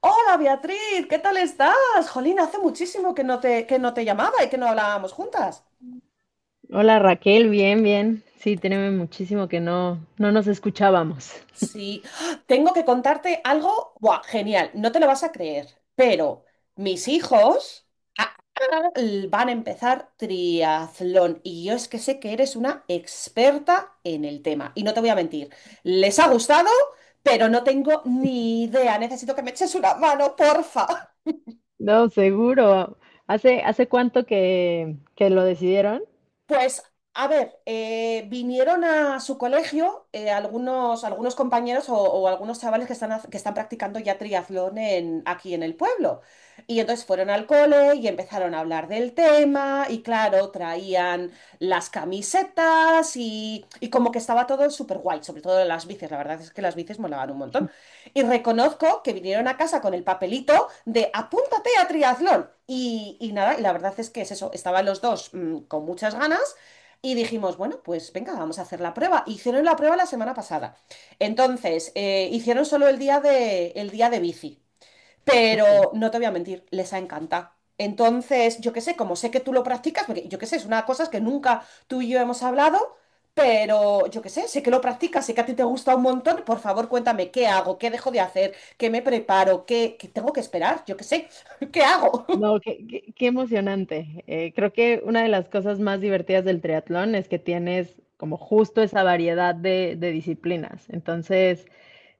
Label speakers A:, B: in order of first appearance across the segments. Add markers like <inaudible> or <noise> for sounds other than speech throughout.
A: Hola Beatriz, ¿qué tal estás? Jolín, hace muchísimo que no te llamaba y que no hablábamos juntas.
B: Hola Raquel, bien, bien. Sí, tenemos muchísimo que no nos escuchábamos.
A: Sí, ¡ah! Tengo que contarte algo, ¡buah, genial! No te lo vas a creer, pero mis hijos ah, van a empezar triatlón y yo es que sé que eres una experta en el tema y no te voy a mentir, les ha gustado, pero no tengo ni idea, necesito que me eches una mano, porfa.
B: No, seguro. ¿Hace cuánto que lo decidieron?
A: Pues, a ver, vinieron a su colegio, algunos compañeros o algunos chavales que están practicando ya triatlón aquí en el pueblo. Y entonces fueron al cole y empezaron a hablar del tema y claro, traían las camisetas y como que estaba todo súper guay, sobre todo las bicis, la verdad es que las bicis molaban un montón. Y reconozco que vinieron a casa con el papelito de apúntate a triatlón. Y nada, y la verdad es que es eso, estaban los dos con muchas ganas y dijimos, bueno, pues venga, vamos a hacer la prueba. Hicieron la prueba la semana pasada. Entonces, hicieron solo el día de, bici,
B: Ok.
A: pero no te voy a mentir, les ha encantado. Entonces, yo qué sé, como sé que tú lo practicas, porque yo qué sé, es una cosa que nunca tú y yo hemos hablado, pero yo qué sé, sé que lo practicas, sé que a ti te gusta un montón, por favor cuéntame qué hago, qué dejo de hacer, qué me preparo, qué tengo que esperar, yo qué sé, <laughs> qué hago.
B: No, qué emocionante. Creo que una de las cosas más divertidas del triatlón es que tienes como justo esa variedad de, disciplinas. Entonces,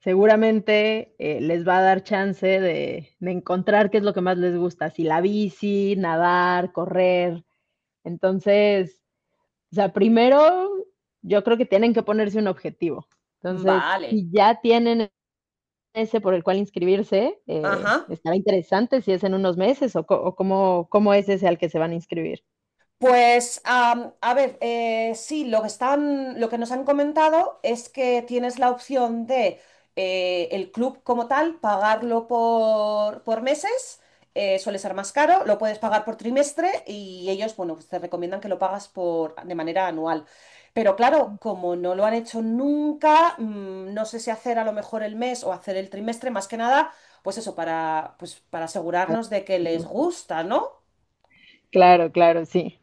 B: seguramente les va a dar chance de encontrar qué es lo que más les gusta, si la bici, nadar, correr. Entonces, o sea, primero yo creo que tienen que ponerse un objetivo.
A: <laughs>
B: Entonces,
A: Vale,
B: si ya tienen ese por el cual inscribirse,
A: ajá.
B: estará interesante si es en unos meses o, o cómo es ese al que se van a inscribir.
A: Pues, a ver, sí, lo que nos han comentado es que tienes la opción de, el club como tal, pagarlo por meses, suele ser más caro, lo puedes pagar por trimestre y ellos, bueno, pues te recomiendan que lo pagas por, de manera anual. Pero claro, como no lo han hecho nunca, no sé si hacer a lo mejor el mes o hacer el trimestre, más que nada, pues eso, pues, para
B: Para
A: asegurarnos
B: ver
A: de que
B: si les
A: les
B: gusta.
A: gusta, ¿no?
B: Claro, claro, sí.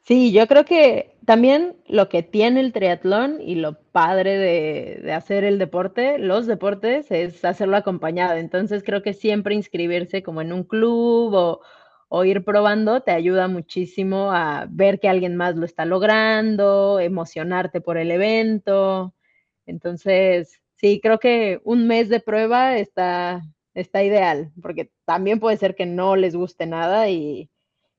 B: Sí, yo creo que también lo que tiene el triatlón y lo padre de, hacer el deporte, los deportes, es hacerlo acompañado. Entonces creo que siempre inscribirse como en un club o ir probando te ayuda muchísimo a ver que alguien más lo está logrando, emocionarte por el evento. Entonces, sí, creo que un mes de prueba está ideal, porque también puede ser que no les guste nada y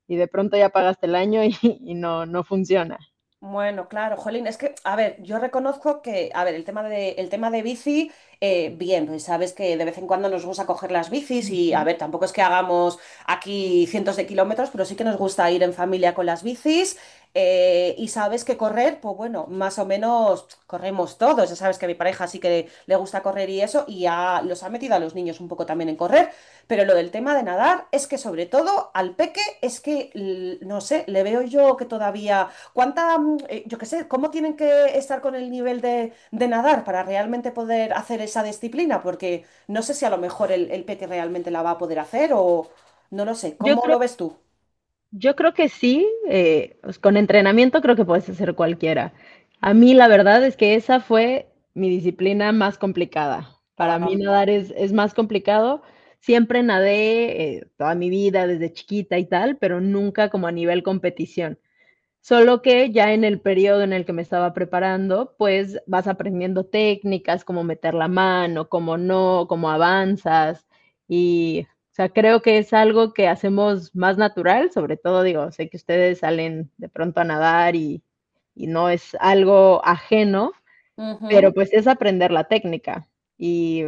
B: y de pronto ya pagaste el año y, <laughs> y no funciona.
A: Bueno, claro, Jolín, es que, a ver, yo reconozco que, a ver, el tema de bici, bien, pues sabes que de vez en cuando nos gusta coger las bicis y, a ver, tampoco es que hagamos aquí cientos de kilómetros, pero sí que nos gusta ir en familia con las bicis, y sabes que correr, pues bueno, más o menos corremos todos, ya sabes que a mi pareja sí que le gusta correr y eso y ya los ha metido a los niños un poco también en correr, pero lo del tema de nadar es que sobre todo al peque es que, no sé, le veo yo que todavía. ¿Yo qué sé, cómo tienen que estar con el nivel de, nadar para realmente poder hacer esa disciplina? Porque no sé si a lo mejor el Peti realmente la va a poder hacer o no lo sé.
B: Yo
A: ¿Cómo
B: creo,
A: lo ves tú?
B: yo creo que sí, pues con entrenamiento creo que puedes hacer cualquiera. A mí la verdad es que esa fue mi disciplina más complicada. Para mí
A: Am,
B: nadar es más complicado. Siempre nadé toda mi vida, desde chiquita y tal, pero nunca como a nivel competición. Solo que ya en el periodo en el que me estaba preparando, pues vas aprendiendo técnicas, cómo meter la mano, cómo no, cómo avanzas. Y, o sea, creo que es algo que hacemos más natural, sobre todo, digo, sé que ustedes salen de pronto a nadar y no es algo ajeno, pero
A: Ujú.
B: pues es aprender la técnica. Y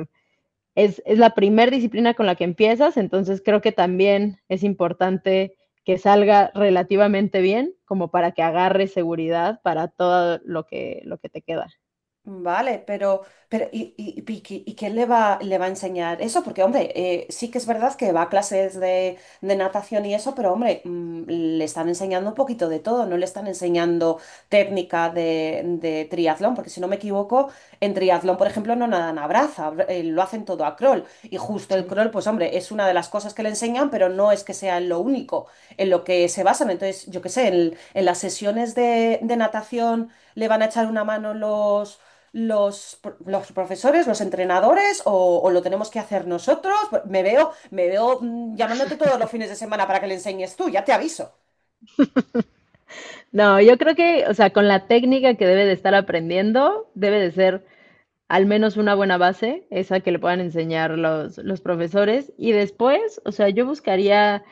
B: es, la primera disciplina con la que empiezas, entonces creo que también es importante que salga relativamente bien, como para que agarre seguridad para todo lo que te queda.
A: Vale, pero ¿y qué le va a enseñar eso? Porque, hombre, sí que es verdad que va a clases de, natación y eso, pero, hombre, le están enseñando un poquito de todo, no le están enseñando técnica de triatlón, porque si no me equivoco, en triatlón, por ejemplo, no nadan a braza, lo hacen todo a crawl. Y justo el
B: Sí.
A: crawl, pues, hombre, es una de las cosas que le enseñan, pero no es que sea lo único en lo que se basan. Entonces, yo qué sé, en las sesiones de natación le van a echar una mano los profesores, los entrenadores o lo tenemos que hacer nosotros? Pues, me veo, llamándote todos los fines de semana para que le enseñes tú, ya te aviso.
B: No, yo creo que, o sea, con la técnica que debe de estar aprendiendo, debe de ser al menos una buena base, esa que le puedan enseñar los, profesores. Y después, o sea, yo buscaría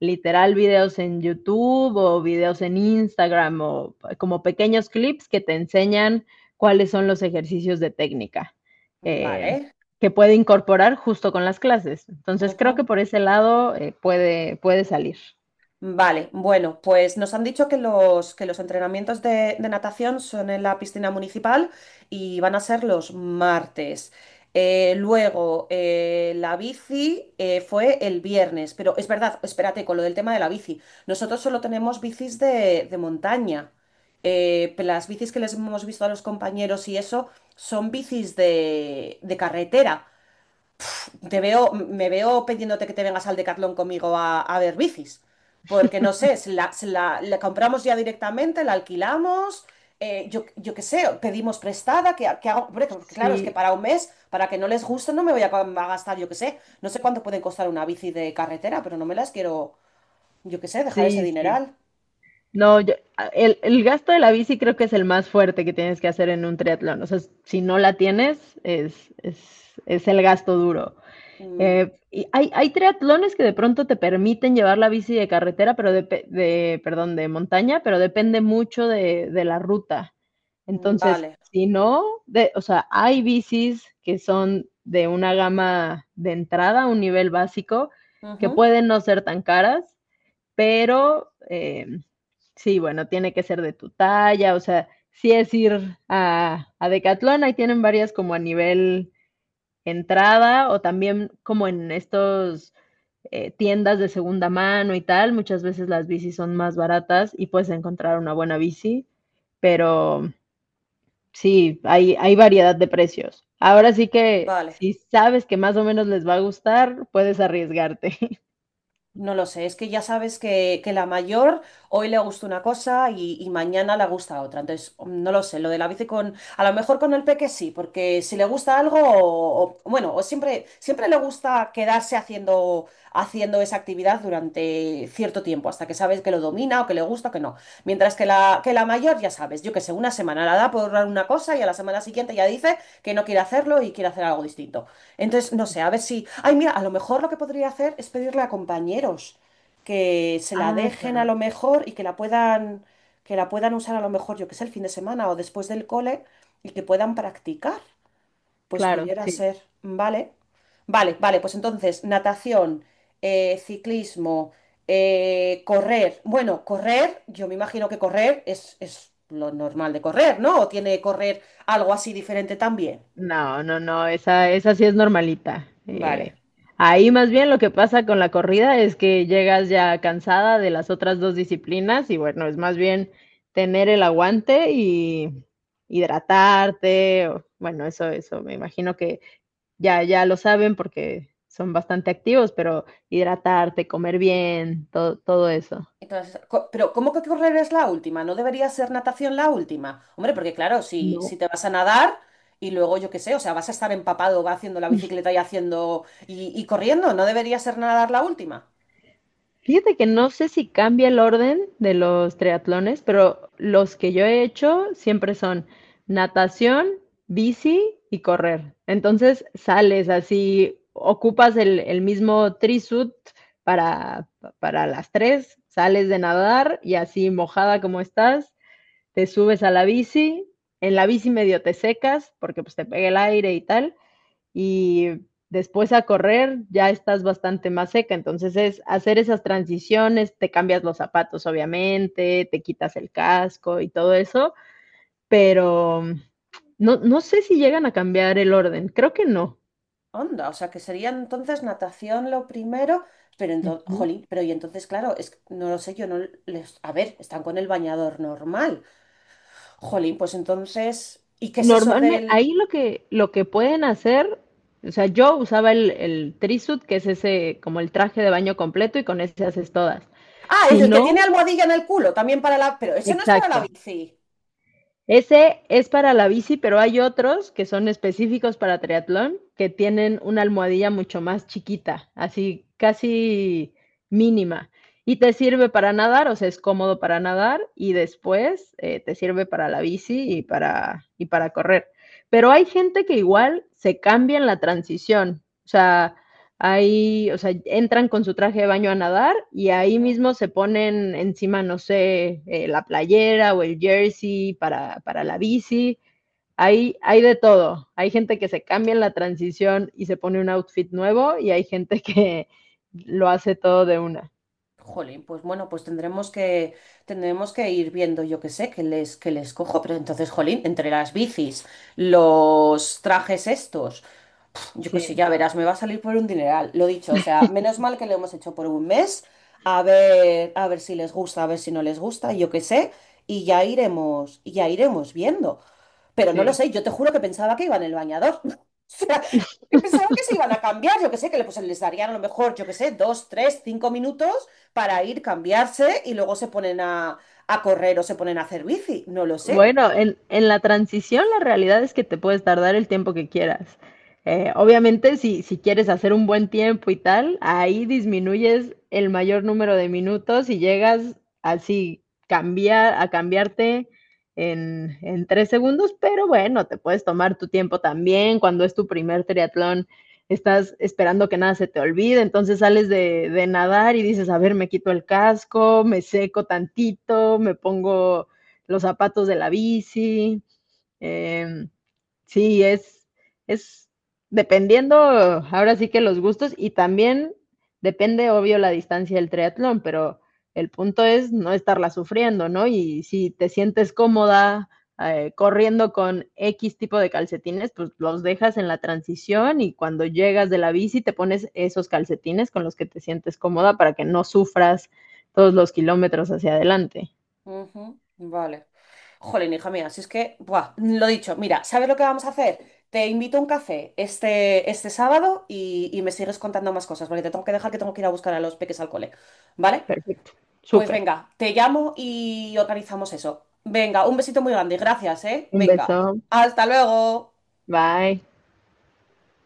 B: literal videos en YouTube o videos en Instagram o como pequeños clips que te enseñan cuáles son los ejercicios de técnica, eh,
A: Vale.
B: que puede incorporar justo con las clases. Entonces creo que por ese lado puede salir.
A: Vale, bueno, pues nos han dicho que los, entrenamientos de natación son en la piscina municipal y van a ser los martes. Luego, la bici, fue el viernes, pero es verdad, espérate, con lo del tema de la bici. Nosotros solo tenemos bicis de, montaña. Las bicis que les hemos visto a los compañeros y eso son bicis de carretera. Me veo pidiéndote que te vengas al Decathlon conmigo a ver bicis. Porque no sé, si la compramos ya directamente, la alquilamos, yo qué sé, pedimos prestada, que hago, hombre, porque claro, es que
B: Sí,
A: para un mes, para que no les guste, no me voy a gastar, yo qué sé, no sé cuánto pueden costar una bici de carretera, pero no me las quiero, yo qué sé, dejar ese
B: sí, sí.
A: dineral.
B: No, el, gasto de la bici creo que es el más fuerte que tienes que hacer en un triatlón. O sea, si no la tienes, es, el gasto duro.
A: Mm,
B: Y hay triatlones que de pronto te permiten llevar la bici de carretera, pero de, perdón, de montaña, pero depende mucho de la ruta.
A: mm,
B: Entonces,
A: vale,
B: si no, de, o sea, hay bicis que son de una gama de entrada, un nivel básico, que
A: ujú,
B: pueden no ser tan caras, pero sí, bueno, tiene que ser de tu talla, o sea, si es ir a Decathlon, ahí tienen varias como a nivel entrada o también como en estos, tiendas de segunda mano y tal, muchas veces las bicis son más baratas y puedes encontrar una buena bici, pero sí, hay variedad de precios. Ahora sí que
A: vale.
B: si sabes que más o menos les va a gustar, puedes arriesgarte. <laughs>
A: No lo sé, es que ya sabes que la mayor hoy le gusta una cosa y mañana le gusta otra. Entonces, no lo sé, lo de la bici con, a lo mejor con el peque sí, porque si le gusta algo, bueno, o siempre, siempre le gusta quedarse haciendo, haciendo esa actividad durante cierto tiempo, hasta que sabes que lo domina o que le gusta o que no. Mientras que la mayor, ya sabes, yo que sé, una semana la da por una cosa y a la semana siguiente ya dice que no quiere hacerlo y quiere hacer algo distinto. Entonces, no sé, a ver si. Ay, mira, a lo mejor lo que podría hacer es pedirle a compañeros que se la
B: Ah,
A: dejen a
B: claro,
A: lo mejor y que la puedan usar a lo mejor, yo que sé, el fin de semana o después del cole y que puedan practicar. Pues
B: claro,
A: pudiera
B: sí.
A: ser, ¿vale? Vale, vale, pues entonces, natación, ciclismo, correr. Bueno, correr, yo me imagino que correr es lo normal de correr, ¿no? ¿O tiene correr algo así diferente también?
B: No, no, no, esa sí es normalita.
A: Vale.
B: Ahí más bien lo que pasa con la corrida es que llegas ya cansada de las otras dos disciplinas y bueno, es más bien tener el aguante y hidratarte. Bueno, eso me imagino que ya lo saben porque son bastante activos, pero hidratarte, comer bien, todo eso.
A: Entonces, pero ¿cómo que correr es la última? ¿No debería ser natación la última? Hombre, porque claro, si,
B: No.
A: si te vas a nadar y luego yo qué sé, o sea, vas a estar empapado, va haciendo la bicicleta y haciendo y corriendo, ¿no debería ser nadar la última?
B: Fíjate que no sé si cambia el orden de los triatlones, pero los que yo he hecho siempre son natación, bici y correr. Entonces sales así, ocupas el, mismo trisuit para, para las tres, sales de nadar y así mojada como estás, te subes a la bici, en la bici medio te secas porque pues te pega el aire y tal, y después a correr ya estás bastante más seca. Entonces es hacer esas transiciones, te cambias los zapatos obviamente, te quitas el casco y todo eso, pero no, sé si llegan a cambiar el orden, creo que no.
A: Onda, o sea, que sería entonces natación lo primero, pero entonces,
B: Ujú.
A: jolín, pero y entonces, claro, es que no lo sé, yo no les, a ver, están con el bañador normal. Jolín, pues entonces, ¿y qué es eso
B: Normalmente
A: del...?
B: ahí lo que, pueden hacer, o sea, yo usaba el trisuit, que es ese como el traje de baño completo y con ese haces todas.
A: Ah, es
B: Si
A: el que
B: no,
A: tiene almohadilla en el culo, también para la... Pero ese no es para la
B: exacto.
A: bici.
B: Ese es para la bici, pero hay otros que son específicos para triatlón, que tienen una almohadilla mucho más chiquita, así casi mínima. Y te sirve para nadar, o sea, es cómodo para nadar y después te sirve para la bici y y para correr. Pero hay gente que igual se cambia en la transición. O sea, ahí, o sea, entran con su traje de baño a nadar y ahí
A: Ujú.
B: mismo se ponen encima, no sé, la playera o el jersey para, la bici. Hay de todo. Hay gente que se cambia en la transición y se pone un outfit nuevo y hay gente que lo hace todo de una.
A: Jolín, pues bueno, pues tendremos tendremos que ir viendo, yo qué sé, que les cojo. Pero entonces, jolín, entre las bicis, los trajes estos, yo qué sé,
B: Sí,
A: ya verás, me va a salir por un dineral. Lo dicho, o sea, menos mal que lo hemos hecho por un mes, a ver si les gusta, a ver si no les gusta, yo qué sé, y ya iremos viendo. Pero no lo
B: sí.
A: sé, yo te juro que pensaba que iba en el bañador. <laughs> O sea, que pensaba que se iban a cambiar, yo que sé, pues, les darían a lo mejor, yo que sé, 2, 3, 5 minutos para ir, cambiarse y luego se ponen a, correr o se ponen a hacer bici, no lo sé.
B: Bueno, en, la transición la realidad es que te puedes tardar el tiempo que quieras. Obviamente, si quieres hacer un buen tiempo y tal, ahí disminuyes el mayor número de minutos y llegas así cambiar, a cambiarte en 3 segundos, pero bueno, te puedes tomar tu tiempo también. Cuando es tu primer triatlón, estás esperando que nada se te olvide, entonces sales de, nadar y dices, a ver, me quito el casco, me seco tantito, me pongo los zapatos de la bici. Eh, sí, es dependiendo, ahora sí que los gustos y también depende, obvio, la distancia del triatlón, pero el punto es no estarla sufriendo, ¿no? Y si te sientes cómoda, corriendo con X tipo de calcetines, pues los dejas en la transición y cuando llegas de la bici te pones esos calcetines con los que te sientes cómoda para que no sufras todos los kilómetros hacia adelante.
A: Ujú, vale. Jolín, hija mía, si es que, buah, lo dicho, mira, ¿sabes lo que vamos a hacer? Te invito a un café este sábado y me sigues contando más cosas, porque te tengo que dejar que tengo que ir a buscar a los peques al cole, ¿vale?
B: Perfecto,
A: Pues
B: súper.
A: venga, te llamo y organizamos eso. Venga, un besito muy grande. Gracias, ¿eh?
B: Un
A: Venga,
B: beso.
A: hasta luego.
B: Bye.